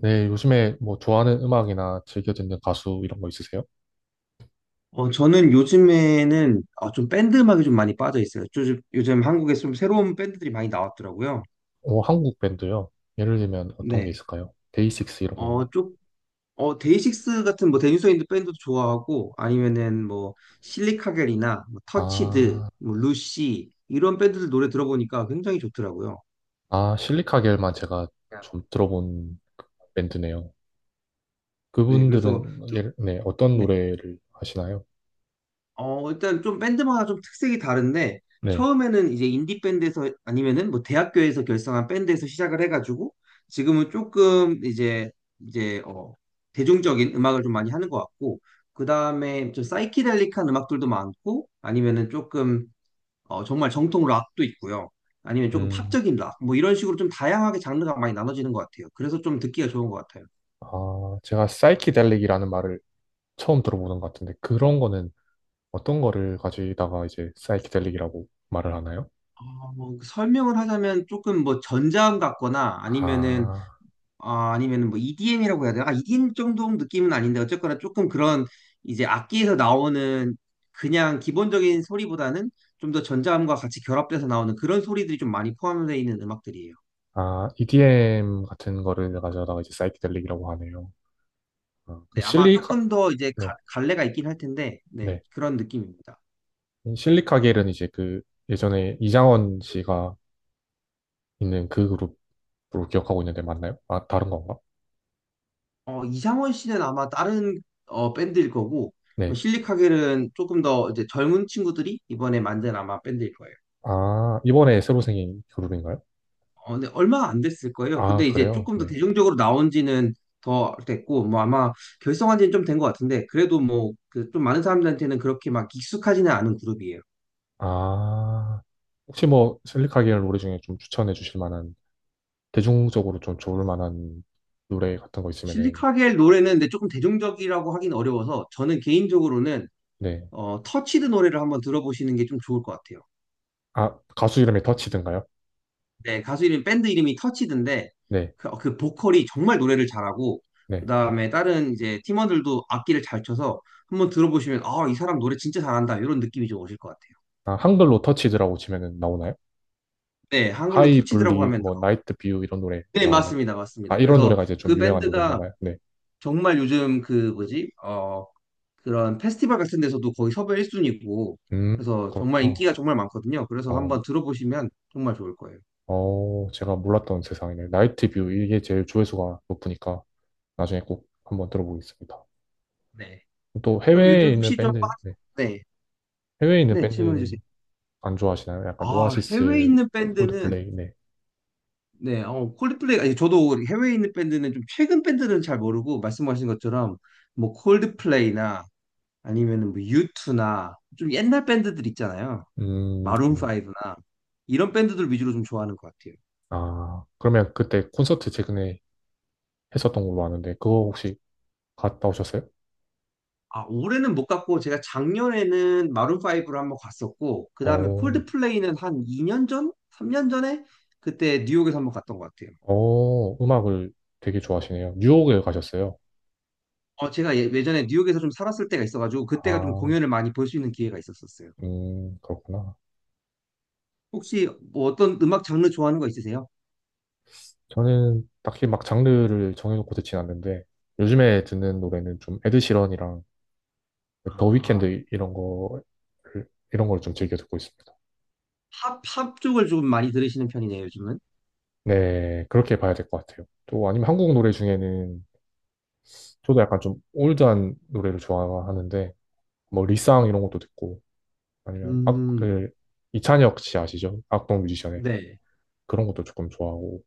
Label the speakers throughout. Speaker 1: 네, 요즘에 뭐 좋아하는 음악이나 즐겨 듣는 가수 이런 거 있으세요?
Speaker 2: 저는 요즘에는 좀 밴드 음악에 좀 많이 빠져 있어요. 요즘 한국에 좀 새로운 밴드들이 많이 나왔더라고요.
Speaker 1: 오, 한국 밴드요. 예를 들면 어떤 게
Speaker 2: 네.
Speaker 1: 있을까요? 데이식스 이런
Speaker 2: 어,
Speaker 1: 건가?
Speaker 2: 쪽, 데이식스 같은 뭐 데니소인드 밴드도 좋아하고 아니면은 뭐 실리카겔이나 뭐 터치드,
Speaker 1: 아,
Speaker 2: 뭐 루시 이런 밴드들 노래 들어보니까 굉장히 좋더라고요.
Speaker 1: 아, 실리카겔만 제가 좀 들어본 밴드네요.
Speaker 2: 네. 그래서
Speaker 1: 그분들은
Speaker 2: 좀,
Speaker 1: 예를, 네, 어떤
Speaker 2: 네.
Speaker 1: 노래를 하시나요?
Speaker 2: 일단 좀 밴드마다 좀 특색이 다른데,
Speaker 1: 네.
Speaker 2: 처음에는 이제 인디 밴드에서 아니면은 뭐 대학교에서 결성한 밴드에서 시작을 해가지고, 지금은 조금 이제 대중적인 음악을 좀 많이 하는 것 같고, 그 다음에 좀 사이키델릭한 음악들도 많고, 아니면은 조금, 정말 정통 락도 있고요. 아니면 조금
Speaker 1: 음,
Speaker 2: 팝적인 락, 뭐 이런 식으로 좀 다양하게 장르가 많이 나눠지는 것 같아요. 그래서 좀 듣기가 좋은 것 같아요.
Speaker 1: 아, 제가 사이키델릭이라는 말을 처음 들어보는 것 같은데 그런 거는 어떤 거를 가지다가 이제 사이키델릭이라고 말을 하나요?
Speaker 2: 뭐 설명을 하자면 조금 뭐 전자음 같거나 아니면은
Speaker 1: 아,
Speaker 2: 아니면 뭐 EDM이라고 해야 되나? EDM 정도 느낌은 아닌데 어쨌거나 조금 그런 이제 악기에서 나오는 그냥 기본적인 소리보다는 좀 더 전자음과 같이 결합돼서 나오는 그런 소리들이 좀 많이 포함되어 있는 음악들이에요.
Speaker 1: 아, EDM 같은 거를 가져다가 이제 사이키델릭이라고 하네요. 아, 그
Speaker 2: 네, 아마
Speaker 1: 실리카,
Speaker 2: 조금 더 이제
Speaker 1: 네,
Speaker 2: 갈래가 있긴 할 텐데, 네,
Speaker 1: 네.
Speaker 2: 그런 느낌입니다.
Speaker 1: 이 실리카겔은 이제 그 예전에 이장원 씨가 있는 그 그룹으로 기억하고 있는데 맞나요? 아, 다른 건가?
Speaker 2: 이상원 씨는 아마 다른 밴드일 거고, 뭐
Speaker 1: 네.
Speaker 2: 실리카겔은 조금 더 이제 젊은 친구들이 이번에 만든 아마 밴드일 거예요.
Speaker 1: 아, 이번에 새로 생긴 그룹인가요?
Speaker 2: 네, 얼마 안 됐을 거예요.
Speaker 1: 아,
Speaker 2: 근데 이제
Speaker 1: 그래요?
Speaker 2: 조금 더
Speaker 1: 네.
Speaker 2: 대중적으로 나온 지는 더 됐고, 뭐 아마 결성한 지는 좀 된 것 같은데, 그래도 뭐, 그 좀 많은 사람들한테는 그렇게 막 익숙하지는 않은 그룹이에요.
Speaker 1: 아, 혹시 뭐 실리카겔 노래 중에 좀 추천해 주실 만한, 대중적으로 좀 좋을 만한 노래 같은 거 있으면은,
Speaker 2: 실리카겔 노래는 근데 조금 대중적이라고 하긴 어려워서, 저는 개인적으로는,
Speaker 1: 네.
Speaker 2: 터치드 노래를 한번 들어보시는 게 좀 좋을 것 같아요.
Speaker 1: 아, 가수 이름이 더치든가요?
Speaker 2: 네, 가수 이름, 밴드 이름이 터치드인데,
Speaker 1: 네.
Speaker 2: 그, 그 보컬이 정말 노래를 잘하고, 그
Speaker 1: 네.
Speaker 2: 다음에 다른 이제 팀원들도 악기를 잘 쳐서 한번 들어보시면, 아, 이 사람 노래 진짜 잘한다, 이런 느낌이 좀 오실 것 같아요.
Speaker 1: 아, 한글로 터치드라고 치면은 나오나요?
Speaker 2: 네, 한글로
Speaker 1: 하이
Speaker 2: 터치드라고
Speaker 1: 블리
Speaker 2: 하면
Speaker 1: 뭐 나이트 뷰 이런 노래
Speaker 2: 네,
Speaker 1: 나오네.
Speaker 2: 맞습니다.
Speaker 1: 아,
Speaker 2: 맞습니다.
Speaker 1: 이런
Speaker 2: 그래서
Speaker 1: 노래가 이제 좀
Speaker 2: 그
Speaker 1: 유명한 노래인가
Speaker 2: 밴드가
Speaker 1: 봐요. 네.
Speaker 2: 정말 요즘 그 뭐지? 그런 페스티벌 같은 데서도 거의 섭외 1순위고
Speaker 1: 음,
Speaker 2: 그래서 정말
Speaker 1: 그렇구나.
Speaker 2: 인기가 정말 많거든요. 그래서
Speaker 1: 어,
Speaker 2: 한번 들어보시면 정말 좋을 거예요.
Speaker 1: 어, 제가 몰랐던 세상이네. 나이트 뷰 이게 제일 조회수가 높으니까 나중에 꼭 한번 들어보겠습니다.
Speaker 2: 네.
Speaker 1: 또
Speaker 2: 그럼
Speaker 1: 해외에
Speaker 2: 요즘
Speaker 1: 있는
Speaker 2: 혹시 좀
Speaker 1: 밴드, 네.
Speaker 2: 네.
Speaker 1: 해외에 있는
Speaker 2: 네, 질문해 주세요.
Speaker 1: 밴드는 안 좋아하시나요? 약간
Speaker 2: 아, 해외에
Speaker 1: 오아시스,
Speaker 2: 있는 밴드는
Speaker 1: 콜드플레이, 네.
Speaker 2: 네, 콜드플레이 아니 저도 해외에 있는 밴드는 좀 최근 밴드는 잘 모르고 말씀하신 것처럼 뭐 콜드플레이나 아니면은 뭐 유투나 좀 옛날 밴드들 있잖아요. 마룬
Speaker 1: 네네.
Speaker 2: 5나 이런 밴드들 위주로 좀 좋아하는 것 같아요.
Speaker 1: 아, 그러면 그때 콘서트 최근에 했었던 걸로 아는데 그거 혹시 갔다 오셨어요?
Speaker 2: 아, 올해는 못 갔고 제가 작년에는 마룬 5를 한번 갔었고 그다음에
Speaker 1: 어.
Speaker 2: 콜드플레이는 한 2년 전, 3년 전에 그때 뉴욕에서 한번 갔던 것 같아요.
Speaker 1: 어, 음악을 되게 좋아하시네요. 뉴욕에 가셨어요.
Speaker 2: 제가 예전에 뉴욕에서 좀 살았을 때가 있어가지고 그때가 좀
Speaker 1: 아,
Speaker 2: 공연을 많이 볼 수 있는 기회가 있었었어요.
Speaker 1: 그렇구나.
Speaker 2: 혹시 뭐 어떤 음악 장르 좋아하는 거 있으세요?
Speaker 1: 저는 딱히 막 장르를 정해놓고 듣진 않는데, 요즘에 듣는 노래는 좀 에드 시런이랑 더
Speaker 2: 아,
Speaker 1: 위켄드 이런 거, 이런 걸 좀 즐겨 듣고 있습니다.
Speaker 2: 팝 쪽을 좀 많이 들으시는 편이네요, 요즘은.
Speaker 1: 네, 그렇게 봐야 될 것 같아요. 또 아니면 한국 노래 중에는 저도 약간 좀 올드한 노래를 좋아하는데, 뭐 리쌍 이런 것도 듣고, 아니면 악,
Speaker 2: 음,
Speaker 1: 그, 이찬혁 씨 아시죠? 악동 뮤지션의
Speaker 2: 네.
Speaker 1: 그런 것도 조금 좋아하고,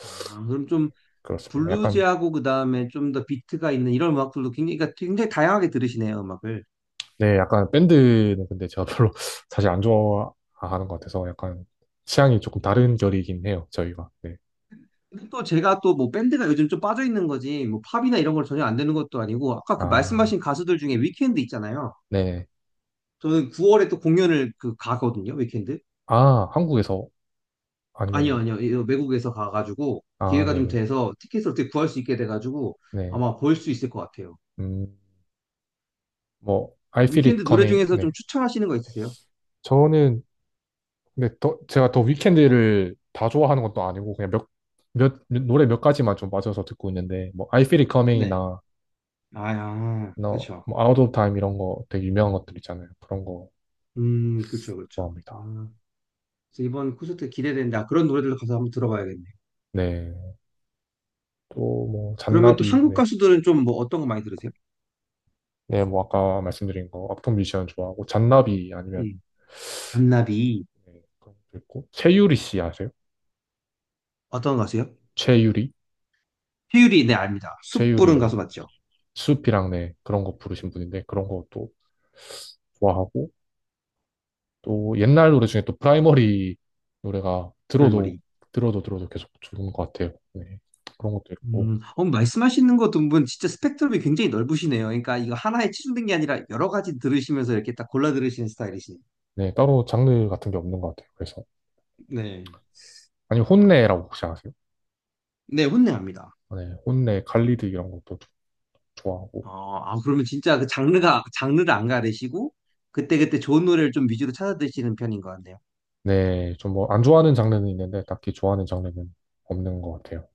Speaker 2: 아, 그럼 좀
Speaker 1: 그렇습니다. 약간,
Speaker 2: 블루지하고 그다음에 좀 더 비트가 있는 이런 음악들도 굉장히 그러니까 굉장히 다양하게 들으시네요, 음악을.
Speaker 1: 네, 약간 밴드는 근데 제가 별로 사실 안 좋아하는 것 같아서 약간 취향이 조금 다른 결이긴 해요, 저희가. 네.
Speaker 2: 근데 또 제가 또 뭐 밴드가 요즘 좀 빠져 있는 거지 뭐 팝이나 이런 걸 전혀 안 되는 것도 아니고 아까 그
Speaker 1: 아,
Speaker 2: 말씀하신 가수들 중에 위켄드 있잖아요.
Speaker 1: 네.
Speaker 2: 저는 9월에 또 공연을 그 가거든요, 위켄드.
Speaker 1: 아, 한국에서
Speaker 2: 아니요,
Speaker 1: 아니면은,
Speaker 2: 아니요. 이거 외국에서 가가지고
Speaker 1: 아,
Speaker 2: 기회가 좀
Speaker 1: 네네.
Speaker 2: 돼서 티켓을 어떻게 구할 수 있게 돼가지고
Speaker 1: 네.
Speaker 2: 아마 볼 수 있을 것 같아요.
Speaker 1: 음, 뭐, I Feel It
Speaker 2: 위켄드 노래
Speaker 1: Coming.
Speaker 2: 중에서
Speaker 1: 네.
Speaker 2: 좀 추천하시는 거 있으세요?
Speaker 1: 저는, 근데 더, 제가 더 위켄드를 다 좋아하는 것도 아니고 그냥 노래 몇 가지만 좀 빠져서 듣고 있는데, 뭐, I Feel It
Speaker 2: 네.
Speaker 1: Coming이나,
Speaker 2: 아, 아,
Speaker 1: 너,
Speaker 2: 그렇죠.
Speaker 1: 뭐, Out of Time 이런 거 되게 유명한 것들 있잖아요. 그런 거
Speaker 2: 그렇죠, 그렇죠.
Speaker 1: 좋아합니다.
Speaker 2: 그래서 이번 콘서트 기대된다. 그런 노래들도 가서 한번 들어봐야겠네.
Speaker 1: 네. 또 뭐
Speaker 2: 그러면 또
Speaker 1: 잔나비,
Speaker 2: 한국
Speaker 1: 네.
Speaker 2: 가수들은 좀 뭐 어떤 거 많이 들으세요?
Speaker 1: 네, 뭐 아까 말씀드린 거 악동 뮤지션 좋아하고 잔나비 아니면
Speaker 2: 음, 잔나비
Speaker 1: 네, 그런 것도 있고 최유리 씨 아세요?
Speaker 2: 어떤 가수요?
Speaker 1: 최유리?
Speaker 2: 태율이 네 압니다. 숯
Speaker 1: 최유리,
Speaker 2: 부른 가수
Speaker 1: 네.
Speaker 2: 맞죠?
Speaker 1: 수피랑 네, 그런 거 부르신 분인데 그런 것도 좋아하고 또 옛날 노래 중에 또 프라이머리 노래가 들어도
Speaker 2: 프라이머리.
Speaker 1: 들어도 들어도 계속 좋은 것 같아요. 네. 그런 것도 있고
Speaker 2: 말씀하시는 거 두분 진짜 스펙트럼이 굉장히 넓으시네요. 그러니까 이거 하나에 치중된 게 아니라 여러 가지 들으시면서 이렇게 딱 골라 들으시는 스타일이시네요.
Speaker 1: 네, 따로 장르 같은 게 없는 것 같아요. 그래서
Speaker 2: 네.
Speaker 1: 아니 혼내라고 혹시 아세요?
Speaker 2: 네, 혼내합니다.
Speaker 1: 네, 혼내 갈리드 이런 것도 좋아하고
Speaker 2: 그러면 진짜 그 장르가 장르를 안 가리시고 그때그때 좋은 노래를 좀 위주로 찾아 드시는 편인 것 같네요.
Speaker 1: 네, 좀 뭐 안 좋아하는 장르는 있는데 딱히 좋아하는 장르는 없는 것 같아요.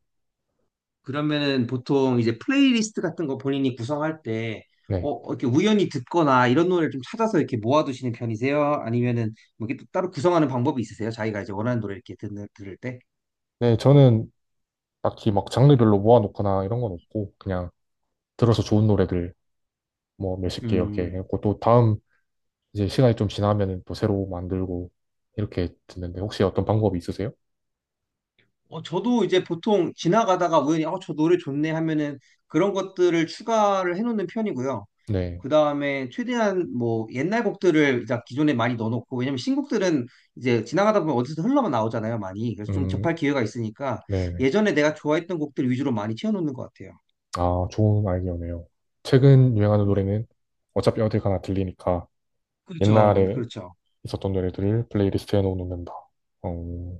Speaker 2: 그러면은 보통 이제 플레이리스트 같은 거 본인이 구성할 때,
Speaker 1: 네.
Speaker 2: 이렇게 우연히 듣거나 이런 노래를 좀 찾아서 이렇게 모아두시는 편이세요? 아니면은 뭐 이렇게 또 따로 구성하는 방법이 있으세요? 자기가 이제 원하는 노래 이렇게 듣는, 들을 때?
Speaker 1: 네, 저는 딱히 막 장르별로 모아놓거나 이런 건 없고 그냥 들어서 좋은 노래들 뭐 몇십 개 이렇게
Speaker 2: 음,
Speaker 1: 해놓고 또 다음 이제 시간이 좀 지나면은 또 새로 만들고 이렇게 듣는데 혹시 어떤 방법이 있으세요?
Speaker 2: 저도 이제 보통 지나가다가 우연히, 저 노래 좋네 하면은 그런 것들을 추가를 해놓는 편이고요.
Speaker 1: 네.
Speaker 2: 그 다음에 최대한 뭐 옛날 곡들을 이제 기존에 많이 넣어놓고 왜냐면 신곡들은 이제 지나가다 보면 어디서 흘러만 나오잖아요 많이 그래서 좀
Speaker 1: 음,
Speaker 2: 접할 기회가 있으니까
Speaker 1: 네, 네.
Speaker 2: 예전에 내가 좋아했던 곡들 위주로 많이 채워놓는 것 같아요.
Speaker 1: 아, 좋은 아이디어네요. 최근 유행하는
Speaker 2: 네.
Speaker 1: 노래는 어차피 어딜 가나 들리니까
Speaker 2: 그렇죠,
Speaker 1: 옛날에
Speaker 2: 그렇죠.
Speaker 1: 있었던 노래들을 플레이리스트에 넣어놓는다. 어,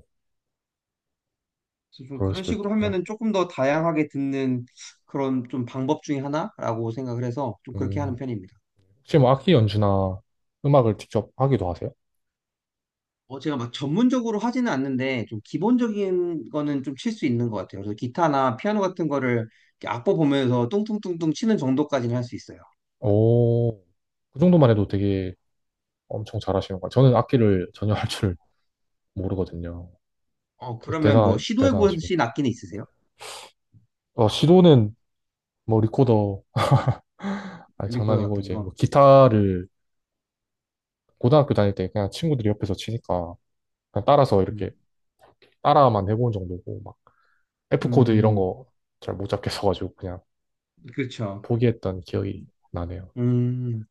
Speaker 2: 그래서 좀
Speaker 1: 그럴
Speaker 2: 그런
Speaker 1: 수도
Speaker 2: 식으로
Speaker 1: 있겠구나.
Speaker 2: 하면은 조금 더 다양하게 듣는 그런 좀 방법 중에 하나라고 생각을 해서 좀 그렇게 하는
Speaker 1: 음.
Speaker 2: 편입니다.
Speaker 1: 혹시 뭐 악기 연주나 음악을 직접 하기도 하세요?
Speaker 2: 제가 막 전문적으로 하지는 않는데 좀 기본적인 거는 좀 칠 수 있는 것 같아요. 그래서 기타나 피아노 같은 거를 이렇게 악보 보면서 뚱뚱뚱뚱 치는 정도까지는 할 수 있어요.
Speaker 1: 오, 그 정도만 해도 되게 엄청 잘하시는 거예요. 저는 악기를 전혀 할 줄 모르거든요.
Speaker 2: 그러면 뭐 시도해 보신
Speaker 1: 대단하십니다.
Speaker 2: 악기는 있으세요?
Speaker 1: 어, 시도는 뭐 리코더, 아니,
Speaker 2: 리코더
Speaker 1: 장난이고
Speaker 2: 같은
Speaker 1: 이제
Speaker 2: 거.
Speaker 1: 뭐 기타를 고등학교 다닐 때 그냥 친구들이 옆에서 치니까 그냥 따라서 이렇게
Speaker 2: 음,
Speaker 1: 따라만 해본 정도고 막 F 코드 이런
Speaker 2: 음,
Speaker 1: 거 잘 못 잡겠어가지고 그냥
Speaker 2: 그렇죠.
Speaker 1: 포기했던 기억이 나네요.
Speaker 2: 음,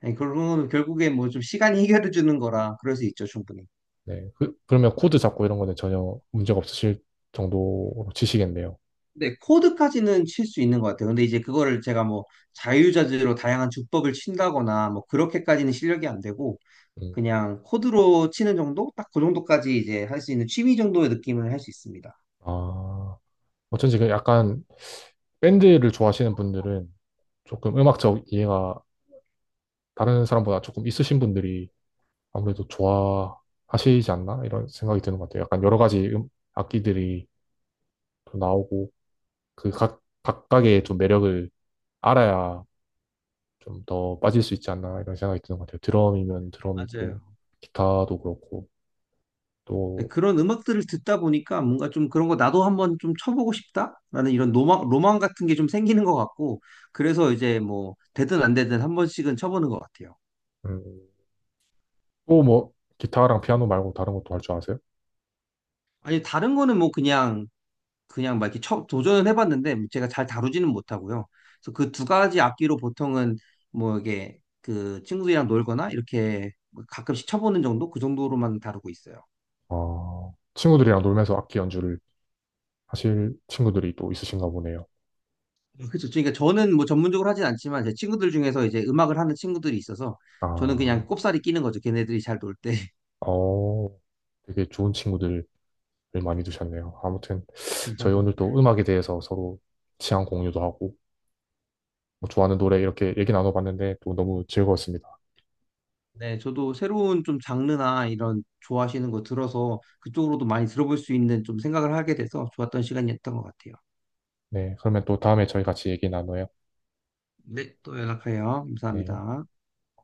Speaker 2: 아니, 그러면 결국에 뭐 좀 시간이 해결해 주는 거라 그럴 수 있죠, 충분히.
Speaker 1: 네, 그러면 코드 잡고 이런 거는 전혀 문제가 없으실 정도로 치시겠네요.
Speaker 2: 근데 코드까지는 칠 수 있는 것 같아요. 근데 이제 그거를 제가 뭐 자유자재로 다양한 주법을 친다거나 뭐 그렇게까지는 실력이 안 되고
Speaker 1: 음,
Speaker 2: 그냥 코드로 치는 정도? 딱 그 정도까지 이제 할 수 있는 취미 정도의 느낌을 할 수 있습니다.
Speaker 1: 아, 어쩐지 그 약간 밴드를 좋아하시는 분들은 조금 음악적 이해가 다른 사람보다 조금 있으신 분들이 아무래도 좋아하시지 않나? 이런 생각이 드는 것 같아요. 약간 여러 가지 악기들이 또 나오고 그 각각의 좀 매력을 알아야 좀 더 빠질 수 있지 않나? 이런 생각이 드는 것 같아요. 드럼이면 드럼이고,
Speaker 2: 맞아요.
Speaker 1: 기타도 그렇고,
Speaker 2: 네,
Speaker 1: 또,
Speaker 2: 그런 음악들을 듣다 보니까 뭔가 좀 그런 거 나도 한번 좀 쳐보고 싶다라는 이런 로망, 로망 같은 게 좀 생기는 것 같고, 그래서 이제 뭐, 되든 안 되든 한 번씩은 쳐보는 것 같아요.
Speaker 1: 음, 또 뭐, 기타랑 피아노 말고 다른 것도 할 줄 아세요?
Speaker 2: 아니, 다른 거는 뭐 그냥, 그냥 막 이렇게 쳐, 도전을 해봤는데 제가 잘 다루지는 못하고요. 그래서 그 두 가지 악기로 보통은 뭐 이게 그 친구들이랑 놀거나 이렇게 가끔씩 쳐보는 정도? 그 정도로만 다루고 있어요.
Speaker 1: 아, 친구들이랑 놀면서 악기 연주를 하실 친구들이 또 있으신가 보네요.
Speaker 2: 그렇죠. 그러니까 저는 뭐 전문적으로 하진 않지만 제 친구들 중에서 이제 음악을 하는 친구들이 있어서 저는
Speaker 1: 아,
Speaker 2: 그냥 꼽사리 끼는 거죠. 걔네들이 잘 놀 때.
Speaker 1: 어, 되게 좋은 친구들을 많이 두셨네요. 아무튼 저희 오늘 또 음악에 대해서 서로 취향 공유도 하고 뭐 좋아하는 노래 이렇게 얘기 나눠봤는데 또 너무 즐거웠습니다.
Speaker 2: 네, 저도 새로운 좀 장르나 이런 좋아하시는 거 들어서 그쪽으로도 많이 들어볼 수 있는 좀 생각을 하게 돼서 좋았던 시간이었던 것 같아요.
Speaker 1: 네, 그러면 또 다음에 저희 같이 얘기 나눠요.
Speaker 2: 네, 또 연락해요.
Speaker 1: 네.
Speaker 2: 감사합니다.